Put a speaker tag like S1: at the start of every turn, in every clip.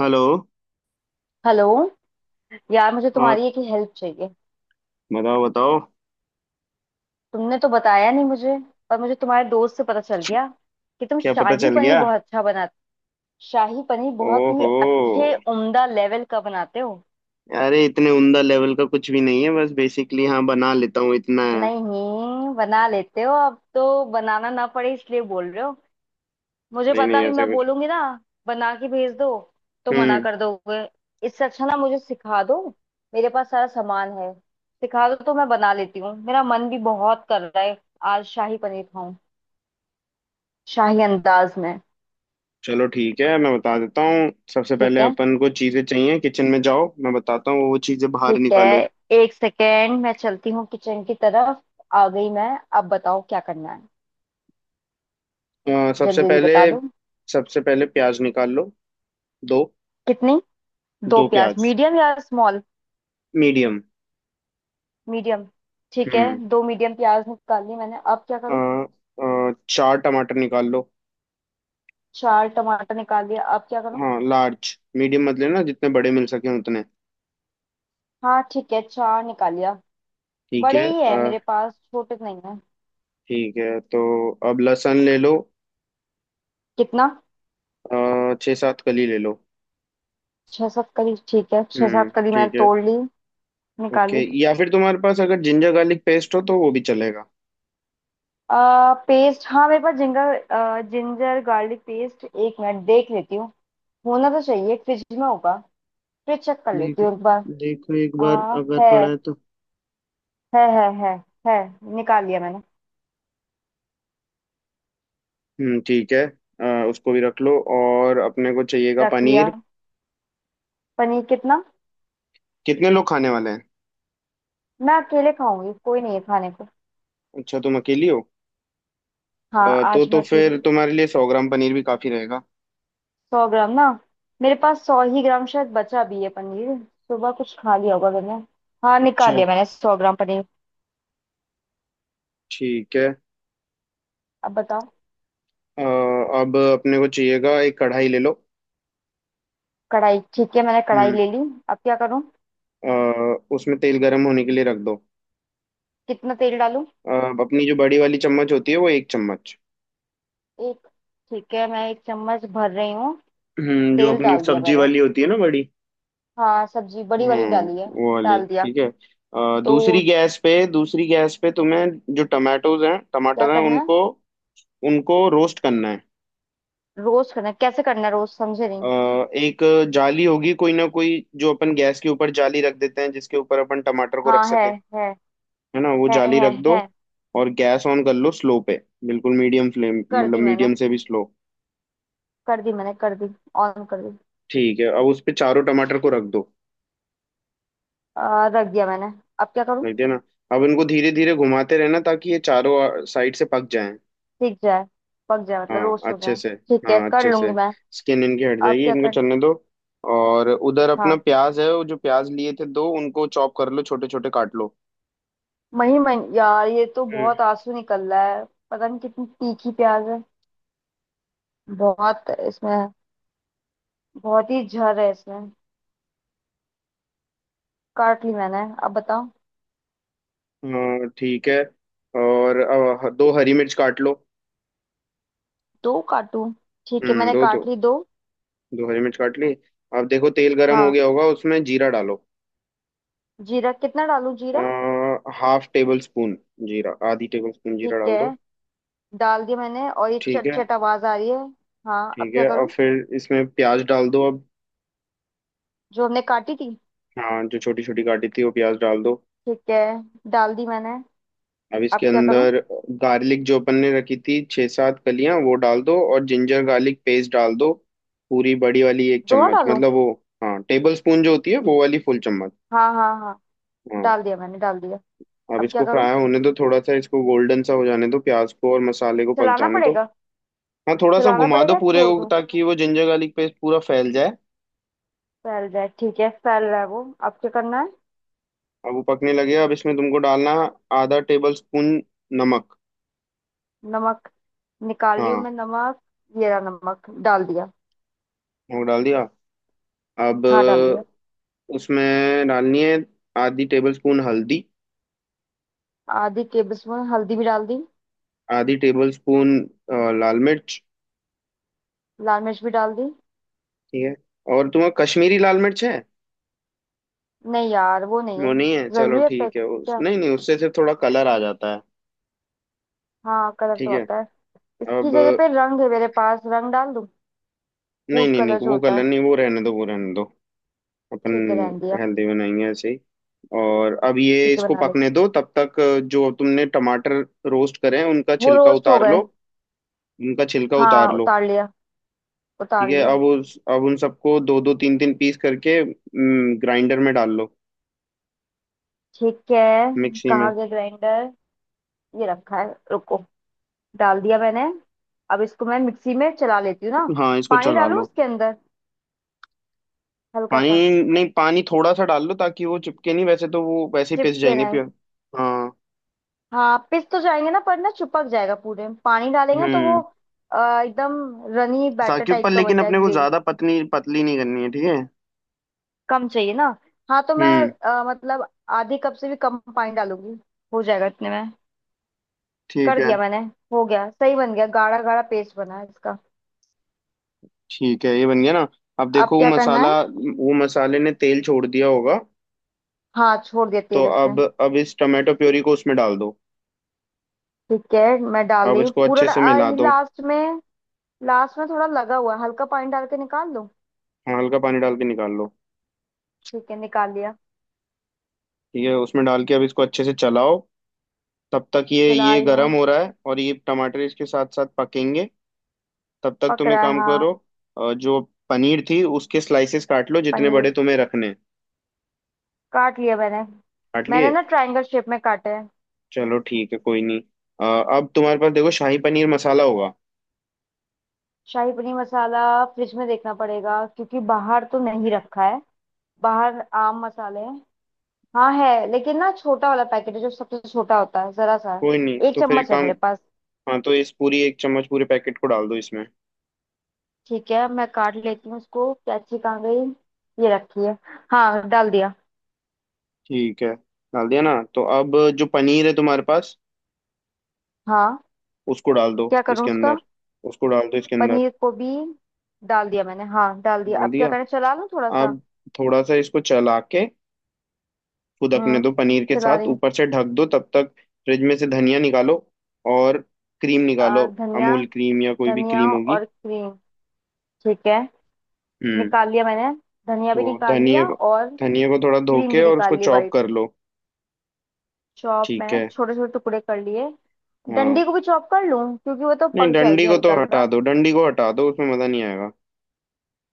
S1: Hello.
S2: Hello. यार मुझे
S1: और
S2: तुम्हारी एक हेल्प चाहिए।
S1: बताओ बताओ।
S2: तुमने तो बताया नहीं मुझे। पर मुझे तुम्हारे दोस्त से पता चल गया कि तुम
S1: क्या पता
S2: शाही
S1: चल
S2: पनीर
S1: गया?
S2: बहुत अच्छा बनाते। शाही पनीर बहुत ही
S1: ओहो।
S2: अच्छे उम्दा लेवल का बनाते हो।
S1: अरे इतने उमदा लेवल का कुछ भी नहीं है, बस बेसिकली, हाँ बना लेता हूँ, इतना है।
S2: नहीं बना लेते हो, अब तो बनाना ना पड़े इसलिए बोल रहे हो। मुझे
S1: नहीं
S2: पता,
S1: नहीं,
S2: अभी मैं
S1: ऐसा कुछ।
S2: बोलूंगी ना बना के भेज दो तो मना
S1: हम्म।
S2: कर दोगे। इससे अच्छा ना मुझे सिखा दो। मेरे पास सारा सामान है। सिखा दो तो मैं बना लेती हूँ, मेरा मन भी बहुत कर रहा है। आज शाही पनीर खाऊं, शाही अंदाज में।
S1: चलो ठीक है, मैं बता देता हूँ। सबसे पहले
S2: ठीक है,
S1: अपन को चीजें चाहिए, किचन में जाओ, मैं बताता हूँ वो चीजें बाहर
S2: ठीक
S1: निकालो।
S2: है। एक सेकेंड मैं चलती हूँ किचन की तरफ। आ गई मैं। अब बताओ क्या करना है? जल्दी
S1: सबसे
S2: जल्दी
S1: पहले,
S2: बता दो।
S1: सबसे पहले प्याज निकाल लो। दो।
S2: कितनी? दो
S1: दो
S2: प्याज
S1: प्याज
S2: मीडियम या स्मॉल?
S1: मीडियम।
S2: मीडियम? ठीक है।
S1: हम्म।
S2: दो मीडियम प्याज निकाल ली मैंने, अब क्या
S1: अ,
S2: करूँ?
S1: 4 टमाटर निकाल लो।
S2: चार टमाटर निकाल लिया, अब क्या करूँ?
S1: हाँ, लार्ज मीडियम मत लेना, जितने बड़े मिल सके उतने।
S2: हाँ ठीक है, चार निकाल लिया।
S1: ठीक
S2: बड़े
S1: है।
S2: ही है मेरे पास, छोटे तो नहीं है।
S1: ठीक है तो अब लहसुन ले लो।
S2: कितना?
S1: 6-7 कली ले लो।
S2: छह सात कली ठीक है, छह
S1: हम्म,
S2: सात कली मैंने
S1: ठीक है।
S2: तोड़ ली। निकाल
S1: ओके,
S2: ली।
S1: या फिर तुम्हारे पास अगर जिंजर गार्लिक पेस्ट हो तो वो भी चलेगा।
S2: पेस्ट हाँ, मेरे पास जिंगर जिंजर गार्लिक पेस्ट, एक मिनट देख लेती हूँ। होना तो चाहिए, फ्रिज में होगा। फ्रिज चेक कर लेती
S1: देखो,
S2: हूँ एक बार।
S1: देखो एक बार
S2: आ,
S1: अगर
S2: है
S1: पड़ा है तो।
S2: है है है है, निकाल लिया मैंने।
S1: हम्म, ठीक है। उसको भी रख लो, और अपने को चाहिएगा
S2: रख लिया।
S1: पनीर।
S2: पनीर कितना?
S1: कितने लोग खाने वाले हैं?
S2: मैं अकेले खाऊंगी, कोई नहीं है खाने को।
S1: अच्छा, तुम अकेली हो?
S2: हाँ,
S1: तो
S2: आज
S1: तो
S2: मैं अकेले।
S1: फिर तुम्हारे लिए 100 ग्राम पनीर भी काफी रहेगा।
S2: 100 ग्राम ना? मेरे पास सौ ही ग्राम शायद बचा भी है पनीर। सुबह कुछ खा लिया होगा मैंने। हाँ, निकाल
S1: अच्छा।
S2: लिया मैंने 100 ग्राम पनीर।
S1: ठीक है।
S2: अब बताओ।
S1: अब अपने को चाहिएगा, एक कढ़ाई ले लो।
S2: कढ़ाई ठीक है, मैंने कढ़ाई
S1: हम्म।
S2: ले ली। अब क्या करूँ?
S1: अ, उसमें तेल गर्म होने के लिए रख दो।
S2: कितना तेल डालूं?
S1: अ, अपनी जो बड़ी वाली चम्मच होती है, वो 1 चम्मच।
S2: एक? ठीक है, मैं एक चम्मच भर रही हूँ।
S1: जो
S2: तेल
S1: अपनी
S2: डाल दिया
S1: सब्जी
S2: मैंने।
S1: वाली होती है ना बड़ी।
S2: हाँ सब्जी बड़ी वाली
S1: हम्म,
S2: डाली है।
S1: वो वाली
S2: डाल दिया।
S1: ठीक है।
S2: तो
S1: दूसरी गैस पे तुम्हें, जो टमाटोज हैं
S2: क्या
S1: टमाटर हैं
S2: करना है?
S1: उनको, उनको रोस्ट करना है।
S2: रोस्ट करना है, कैसे करना है रोस्ट समझे
S1: अ,
S2: नहीं?
S1: एक जाली होगी कोई ना कोई, जो अपन गैस के ऊपर जाली रख देते हैं जिसके ऊपर अपन टमाटर को रख
S2: हाँ
S1: सकें,
S2: है
S1: है ना वो जाली
S2: है
S1: रख दो।
S2: है।
S1: और गैस ऑन कर लो स्लो पे, बिल्कुल मीडियम फ्लेम,
S2: कर
S1: मतलब
S2: दी मैंने,
S1: मीडियम से भी स्लो।
S2: कर दी मैंने, कर दी। ऑन कर दी।
S1: ठीक है, अब उस पे चारों टमाटर को रख दो।
S2: रख दिया मैंने, अब क्या करूँ?
S1: रख दिया ना। अब इनको धीरे धीरे घुमाते रहना ताकि ये चारों साइड से पक जाएं।
S2: सीख जाए, पक जाए मतलब
S1: हाँ,
S2: रोस्ट हो
S1: अच्छे
S2: जाए?
S1: से।
S2: ठीक है,
S1: हाँ,
S2: कर
S1: अच्छे
S2: लूंगी
S1: से।
S2: मैं।
S1: स्किन इनकी हट
S2: अब
S1: जाएगी,
S2: क्या
S1: इनको
S2: कर?
S1: चलने दो। और उधर अपना
S2: हाँ,
S1: प्याज है, वो जो प्याज लिए थे दो, उनको चॉप कर लो, छोटे छोटे काट लो।
S2: मही मही यार, ये तो
S1: हम्म।
S2: बहुत आंसू निकल रहा है। पता नहीं कितनी तीखी प्याज है, बहुत इसमें। बहुत ही जहर है इसमें। काट ली मैंने, अब बताओ।
S1: हाँ, ठीक है। और अब 2 हरी मिर्च काट लो।
S2: दो काटू? ठीक है,
S1: हम्म,
S2: मैंने
S1: दो दो।
S2: काट ली दो।
S1: दो हरी मिर्च काट ली। अब देखो तेल गरम हो
S2: हाँ।
S1: गया होगा, उसमें जीरा डालो।
S2: जीरा कितना डालूं जीरा?
S1: Half tablespoon. जीरा आधी टेबल स्पून जीरा
S2: ठीक
S1: डाल
S2: है,
S1: दो।
S2: डाल दिया मैंने और ये
S1: ठीक
S2: चट
S1: है।
S2: चट आवाज आ रही है। हाँ अब
S1: ठीक है,
S2: क्या
S1: अब
S2: करूँ?
S1: फिर इसमें प्याज डाल दो अब।
S2: जो हमने काटी थी?
S1: हाँ, जो छोटी छोटी काटी थी वो प्याज डाल दो।
S2: ठीक है, डाल दी मैंने।
S1: अब
S2: अब
S1: इसके
S2: क्या करूँ?
S1: अंदर, गार्लिक जो अपन ने रखी थी 6-7 कलियां वो डाल दो, और जिंजर गार्लिक पेस्ट डाल दो। पूरी बड़ी वाली एक
S2: दोनों
S1: चम्मच,
S2: डालूं?
S1: मतलब वो। हाँ, टेबल स्पून जो होती है वो वाली फुल चम्मच।
S2: हाँ हाँ हाँ।
S1: हाँ।
S2: डाल दिया मैंने, डाल दिया।
S1: अब
S2: अब क्या
S1: इसको
S2: करूँ?
S1: फ्राई होने दो थोड़ा सा, इसको गोल्डन सा हो जाने दो, प्याज को और मसाले को पक
S2: चलाना
S1: जाने दो।
S2: पड़ेगा?
S1: हाँ, थोड़ा सा
S2: चलाना
S1: घुमा
S2: पड़ेगा
S1: दो
S2: या
S1: पूरे
S2: छोड़
S1: को
S2: दूँ?
S1: ताकि वो जिंजर गार्लिक पेस्ट पूरा फैल जाए।
S2: फैल जाए ठीक है, फैल रहा है वो। अब क्या करना है?
S1: अब वो पकने लगे, अब इसमें तुमको डालना आधा टेबल स्पून नमक।
S2: नमक? निकाल रही हूँ
S1: हाँ,
S2: मैं नमक। ये रहा नमक, डाल दिया।
S1: वो डाल दिया। अब
S2: हाँ डाल दिया।
S1: उसमें डालनी है आधी टेबल स्पून हल्दी,
S2: आधी टेबल स्पून हल्दी भी डाल दी।
S1: आधी टेबल स्पून लाल मिर्च।
S2: लाल मिर्च भी डाल दी।
S1: ठीक है, और तुम्हें कश्मीरी लाल मिर्च है?
S2: नहीं यार, वो नहीं
S1: वो
S2: है।
S1: नहीं है, चलो
S2: जरूरत है
S1: ठीक है, उस
S2: क्या?
S1: नहीं नहीं उससे सिर्फ थोड़ा कलर आ जाता है।
S2: हाँ कलर तो
S1: ठीक है।
S2: आता है। इसकी
S1: अब
S2: जगह पे रंग है मेरे पास, रंग डाल दूं?
S1: नहीं
S2: फूड
S1: नहीं नहीं,
S2: कलर जो
S1: वो
S2: होता
S1: कलर
S2: है।
S1: नहीं, वो रहने दो, वो रहने दो। अपन
S2: ठीक है, रहने दिया।
S1: हेल्दी बनाएंगे ऐसे ही। और अब ये
S2: ठीक है,
S1: इसको
S2: बना लेंगे।
S1: पकने दो तब तक। जो तुमने टमाटर रोस्ट करे हैं उनका
S2: वो
S1: छिलका
S2: रोस्ट हो
S1: उतार
S2: गए?
S1: लो, उनका छिलका उतार
S2: हाँ
S1: लो।
S2: उतार लिया, उतार
S1: ठीक है,
S2: लिया।
S1: अब उस अब उन सबको दो दो तीन तीन पीस करके ग्राइंडर में डाल लो,
S2: ठीक है।
S1: मिक्सी में।
S2: कहाँ गया ग्राइंडर? ये रखा है। रुको। डाल दिया मैंने। अब इसको मैं मिक्सी में चला लेती हूँ ना?
S1: हाँ, इसको
S2: पानी
S1: चला
S2: डालूं
S1: लो।
S2: उसके अंदर, हल्का सा?
S1: पानी नहीं, पानी थोड़ा सा डाल लो ताकि वो चिपके नहीं, वैसे तो वो वैसे ही पिस
S2: चिपके
S1: जाएंगे
S2: ना?
S1: प्योर। हाँ।
S2: हाँ पिस तो जाएंगे ना, पर ना चिपक जाएगा पूरे, पानी डालेंगे तो वो
S1: हम्म।
S2: एकदम रनी बैटर
S1: ताकि पर
S2: टाइप का
S1: लेकिन
S2: बन जाए
S1: अपने को
S2: ग्रेवी?
S1: ज्यादा पतली पतली नहीं करनी है, ठीक है।
S2: कम चाहिए ना। हाँ तो मैं
S1: हम्म,
S2: मतलब आधी कप से भी कम पानी डालूंगी। हो जाएगा इतने में।
S1: ठीक
S2: कर
S1: है।
S2: दिया मैंने। हो गया, सही बन गया, गाढ़ा गाढ़ा पेस्ट बना है इसका।
S1: ठीक है, ये बन गया ना। अब
S2: अब
S1: देखो वो
S2: क्या करना है?
S1: मसाला वो मसाले ने तेल छोड़ दिया होगा।
S2: हाँ, छोड़ दिया
S1: तो
S2: तेल उसने।
S1: अब इस टमाटो प्योरी को उसमें डाल दो,
S2: ठीक है, मैं डाल
S1: अब
S2: रही हूँ
S1: इसको
S2: पूरा
S1: अच्छे से मिला
S2: ये
S1: दो।
S2: लास्ट में। लास्ट में थोड़ा लगा हुआ है, हल्का पानी डाल के निकाल लूँ?
S1: हाँ, हल्का पानी डाल के निकाल लो।
S2: ठीक है, निकाल लिया।
S1: ठीक है, उसमें डाल के अब इसको अच्छे से चलाओ, तब तक ये
S2: चला
S1: ये
S2: रही
S1: गरम
S2: हूँ।
S1: हो रहा है और ये टमाटर इसके साथ साथ पकेंगे। तब तक
S2: पक
S1: तुम एक
S2: रहा है
S1: काम
S2: हाँ।
S1: करो। जो पनीर थी उसके स्लाइसेस काट लो जितने
S2: पनीर?
S1: बड़े तुम्हें रखने हैं।
S2: काट लिया मैंने।
S1: काट
S2: मैंने
S1: लिए?
S2: ना ट्रायंगल शेप में काटे हैं।
S1: चलो ठीक है, कोई नहीं। अ, अब तुम्हारे पास देखो शाही पनीर मसाला होगा।
S2: शाही पनीर मसाला? फ्रिज में देखना पड़ेगा क्योंकि बाहर तो नहीं रखा है। बाहर आम मसाले हैं। हाँ है, लेकिन ना छोटा वाला पैकेट है जो सबसे छोटा होता है, जरा सा
S1: कोई नहीं,
S2: है। एक
S1: तो फिर एक
S2: चम्मच है
S1: काम,
S2: मेरे पास।
S1: हाँ, तो इस पूरी एक चम्मच पूरे पैकेट को डाल दो इसमें।
S2: ठीक है, मैं काट लेती हूँ उसको। कैची कहाँ गई? ये रखी है। हाँ डाल दिया।
S1: ठीक है। डाल दिया ना, तो अब जो पनीर है तुम्हारे पास,
S2: हाँ।
S1: उसको डाल दो
S2: क्या करूँ
S1: इसके
S2: उसका?
S1: अंदर, उसको डाल दो इसके अंदर।
S2: पनीर को भी? डाल दिया मैंने, हाँ डाल दिया।
S1: डाल
S2: अब क्या
S1: दिया।
S2: करें, चला लूँ थोड़ा सा?
S1: आप, थोड़ा सा इसको चला के फुदकने
S2: हम्म,
S1: दो पनीर के
S2: चला
S1: साथ,
S2: रही हूँ।
S1: ऊपर से ढक दो तब तक। फ्रिज में से धनिया निकालो, और क्रीम निकालो।
S2: और धनिया?
S1: अमूल क्रीम या कोई भी
S2: धनिया
S1: क्रीम होगी।
S2: और क्रीम? ठीक है।
S1: हम्म।
S2: निकाल लिया मैंने, धनिया भी
S1: तो
S2: निकाल
S1: धनिया
S2: लिया
S1: को,
S2: और
S1: धनिया को थोड़ा धो
S2: क्रीम
S1: के
S2: भी
S1: और उसको
S2: निकाल ली
S1: चॉप
S2: वाइट।
S1: कर लो।
S2: चॉप
S1: ठीक
S2: मैंने
S1: है।
S2: छोटे छोटे टुकड़े कर लिए।
S1: हाँ।
S2: डंडी को भी चॉप कर लूं क्योंकि वो तो
S1: नहीं,
S2: पक
S1: डंडी
S2: जाएगी
S1: को
S2: हल्का
S1: तो हटा
S2: हल्का।
S1: दो, डंडी को हटा दो, उसमें मजा नहीं आएगा।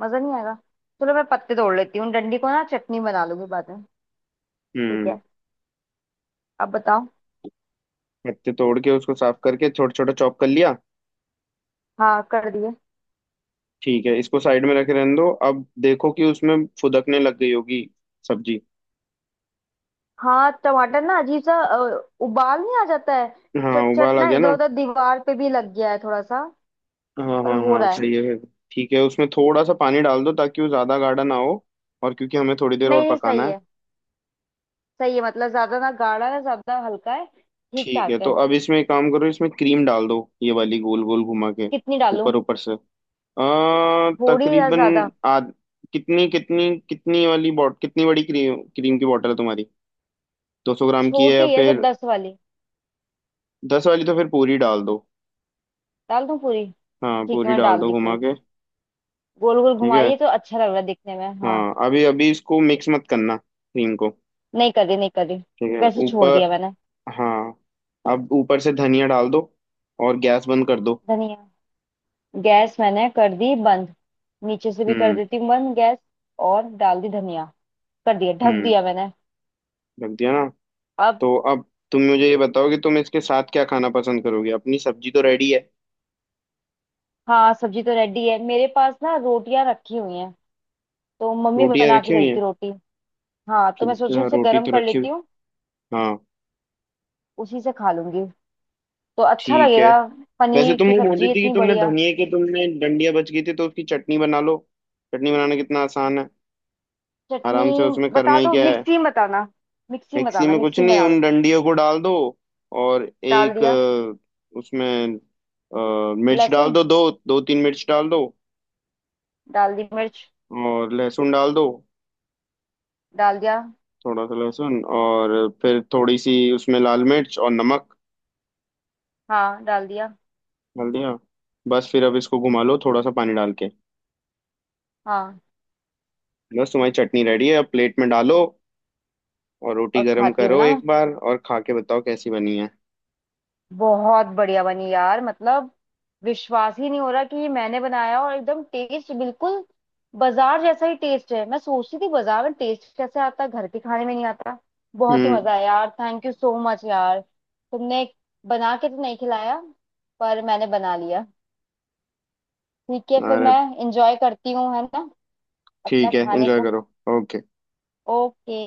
S2: मजा नहीं आएगा? चलो मैं पत्ते तोड़ लेती हूँ, डंडी को ना चटनी बना लूंगी बाद में। ठीक
S1: हम्म।
S2: है। अब बताओ।
S1: पत्ते तोड़ के उसको साफ करके छोटा छोटा चॉप कर लिया।
S2: हाँ कर दिए।
S1: ठीक है, इसको साइड में रखे रहने दो, अब देखो कि उसमें फुदकने लग गई होगी सब्जी।
S2: हाँ टमाटर ना अजीब सा उबाल नहीं आ जाता है?
S1: हाँ,
S2: चट
S1: उबाल
S2: चट
S1: आ
S2: ना
S1: गया
S2: इधर
S1: ना।
S2: उधर दीवार पे भी लग गया है थोड़ा सा।
S1: हाँ
S2: पर
S1: हाँ
S2: हो
S1: हाँ,
S2: रहा है।
S1: सही है। ठीक है, उसमें थोड़ा सा पानी डाल दो ताकि वो ज़्यादा गाढ़ा ना हो, और क्योंकि हमें थोड़ी देर और
S2: नहीं नहीं,
S1: पकाना
S2: सही
S1: है।
S2: है। सही है मतलब, ज्यादा ना गाढ़ा है ज्यादा हल्का है, ठीक
S1: ठीक है,
S2: ठाक
S1: तो
S2: है।
S1: अब इसमें एक काम करो, इसमें क्रीम डाल दो ये वाली गोल गोल घुमा के,
S2: कितनी डालूं?
S1: ऊपर ऊपर से,
S2: थोड़ी या
S1: तकरीबन
S2: ज्यादा?
S1: आध, कितनी कितनी कितनी वाली बॉट कितनी बड़ी क्रीम क्रीम की बॉटल है तुम्हारी? 200 ग्राम की है या
S2: छोटी है, जो
S1: फिर
S2: 10 वाली।
S1: 10 वाली? तो फिर पूरी डाल दो।
S2: डाल दूं पूरी?
S1: हाँ,
S2: ठीक है,
S1: पूरी
S2: मैं
S1: डाल
S2: डाल
S1: दो
S2: दी
S1: घुमा
S2: पूरी।
S1: के।
S2: गोल गोल
S1: ठीक है।
S2: घुमाइए तो अच्छा लग रहा है दिखने में, हाँ।
S1: हाँ, अभी अभी इसको मिक्स मत करना क्रीम को।
S2: नहीं कर रही, नहीं कर रही।
S1: ठीक है,
S2: वैसे छोड़
S1: ऊपर,
S2: दिया मैंने।
S1: हाँ, अब ऊपर से धनिया डाल दो और गैस बंद कर दो।
S2: धनिया? गैस मैंने कर दी बंद। नीचे से भी कर
S1: हम्म।
S2: देती हूँ बंद गैस। और डाल दी धनिया। कर दिया, ढक
S1: हम्म।
S2: दिया मैंने।
S1: रख दिया ना,
S2: अब?
S1: तो अब तुम मुझे ये बताओ कि तुम इसके साथ क्या खाना पसंद करोगे, अपनी सब्जी तो रेडी है।
S2: हाँ सब्जी तो रेडी है, मेरे पास ना रोटियां रखी हुई हैं। तो मम्मी
S1: रोटियां
S2: बना
S1: रखी
S2: के
S1: हुई
S2: गई
S1: हैं।
S2: थी रोटी। हाँ तो मैं सोच रही हूँ
S1: हाँ
S2: उसे
S1: रोटी
S2: गर्म
S1: तो
S2: कर
S1: रखी
S2: लेती
S1: हुई।
S2: हूँ।
S1: हाँ।
S2: उसी से खा लूंगी तो अच्छा
S1: ठीक है।
S2: लगेगा।
S1: वैसे
S2: पनीर
S1: तुम
S2: की
S1: वो बोल रही
S2: सब्जी
S1: थी कि
S2: इतनी
S1: तुमने
S2: बढ़िया।
S1: धनिए के तुमने डंडियां बच गई थी, तो उसकी चटनी बना लो। चटनी बनाना कितना आसान है,
S2: चटनी?
S1: आराम से, उसमें करना
S2: बता
S1: ही
S2: दो
S1: क्या।
S2: मिक्सी में बताना। मिक्सी में
S1: मिक्सी
S2: बताना,
S1: में कुछ
S2: मिक्सी में
S1: नहीं,
S2: डाल।
S1: उन डंडियों को डाल दो, और
S2: डाल
S1: एक
S2: दिया।
S1: उसमें मिर्च डाल
S2: लहसुन?
S1: दो, दो दो तीन मिर्च डाल दो,
S2: डाल दी मिर्च।
S1: और लहसुन डाल दो,
S2: डाल दिया।
S1: थोड़ा सा लहसुन, और फिर थोड़ी सी उसमें लाल मिर्च और नमक।
S2: हाँ डाल दिया।
S1: डाल दिया। बस, फिर अब इसको घुमा लो थोड़ा सा पानी डाल के,
S2: हाँ
S1: बस तुम्हारी चटनी रेडी है। अब प्लेट में डालो और रोटी
S2: और
S1: गर्म
S2: खाती हूँ
S1: करो
S2: ना मैं।
S1: एक बार, और खा के बताओ कैसी बनी है।
S2: बहुत बढ़िया बनी यार, मतलब विश्वास ही नहीं हो रहा कि ये मैंने बनाया, और एकदम टेस्ट बिल्कुल बाजार जैसा ही टेस्ट है। मैं सोचती थी बाजार में टेस्ट कैसे आता है, घर के खाने में नहीं आता। बहुत ही
S1: हम्म।
S2: मजा आया यार, थैंक यू सो मच यार तुमने। बना के तो नहीं खिलाया, पर मैंने बना लिया। ठीक है, फिर
S1: अरे,
S2: मैं इंजॉय करती हूँ है ना अपना
S1: ठीक है,
S2: खाने
S1: एंजॉय
S2: को।
S1: करो। ओके।
S2: ओके।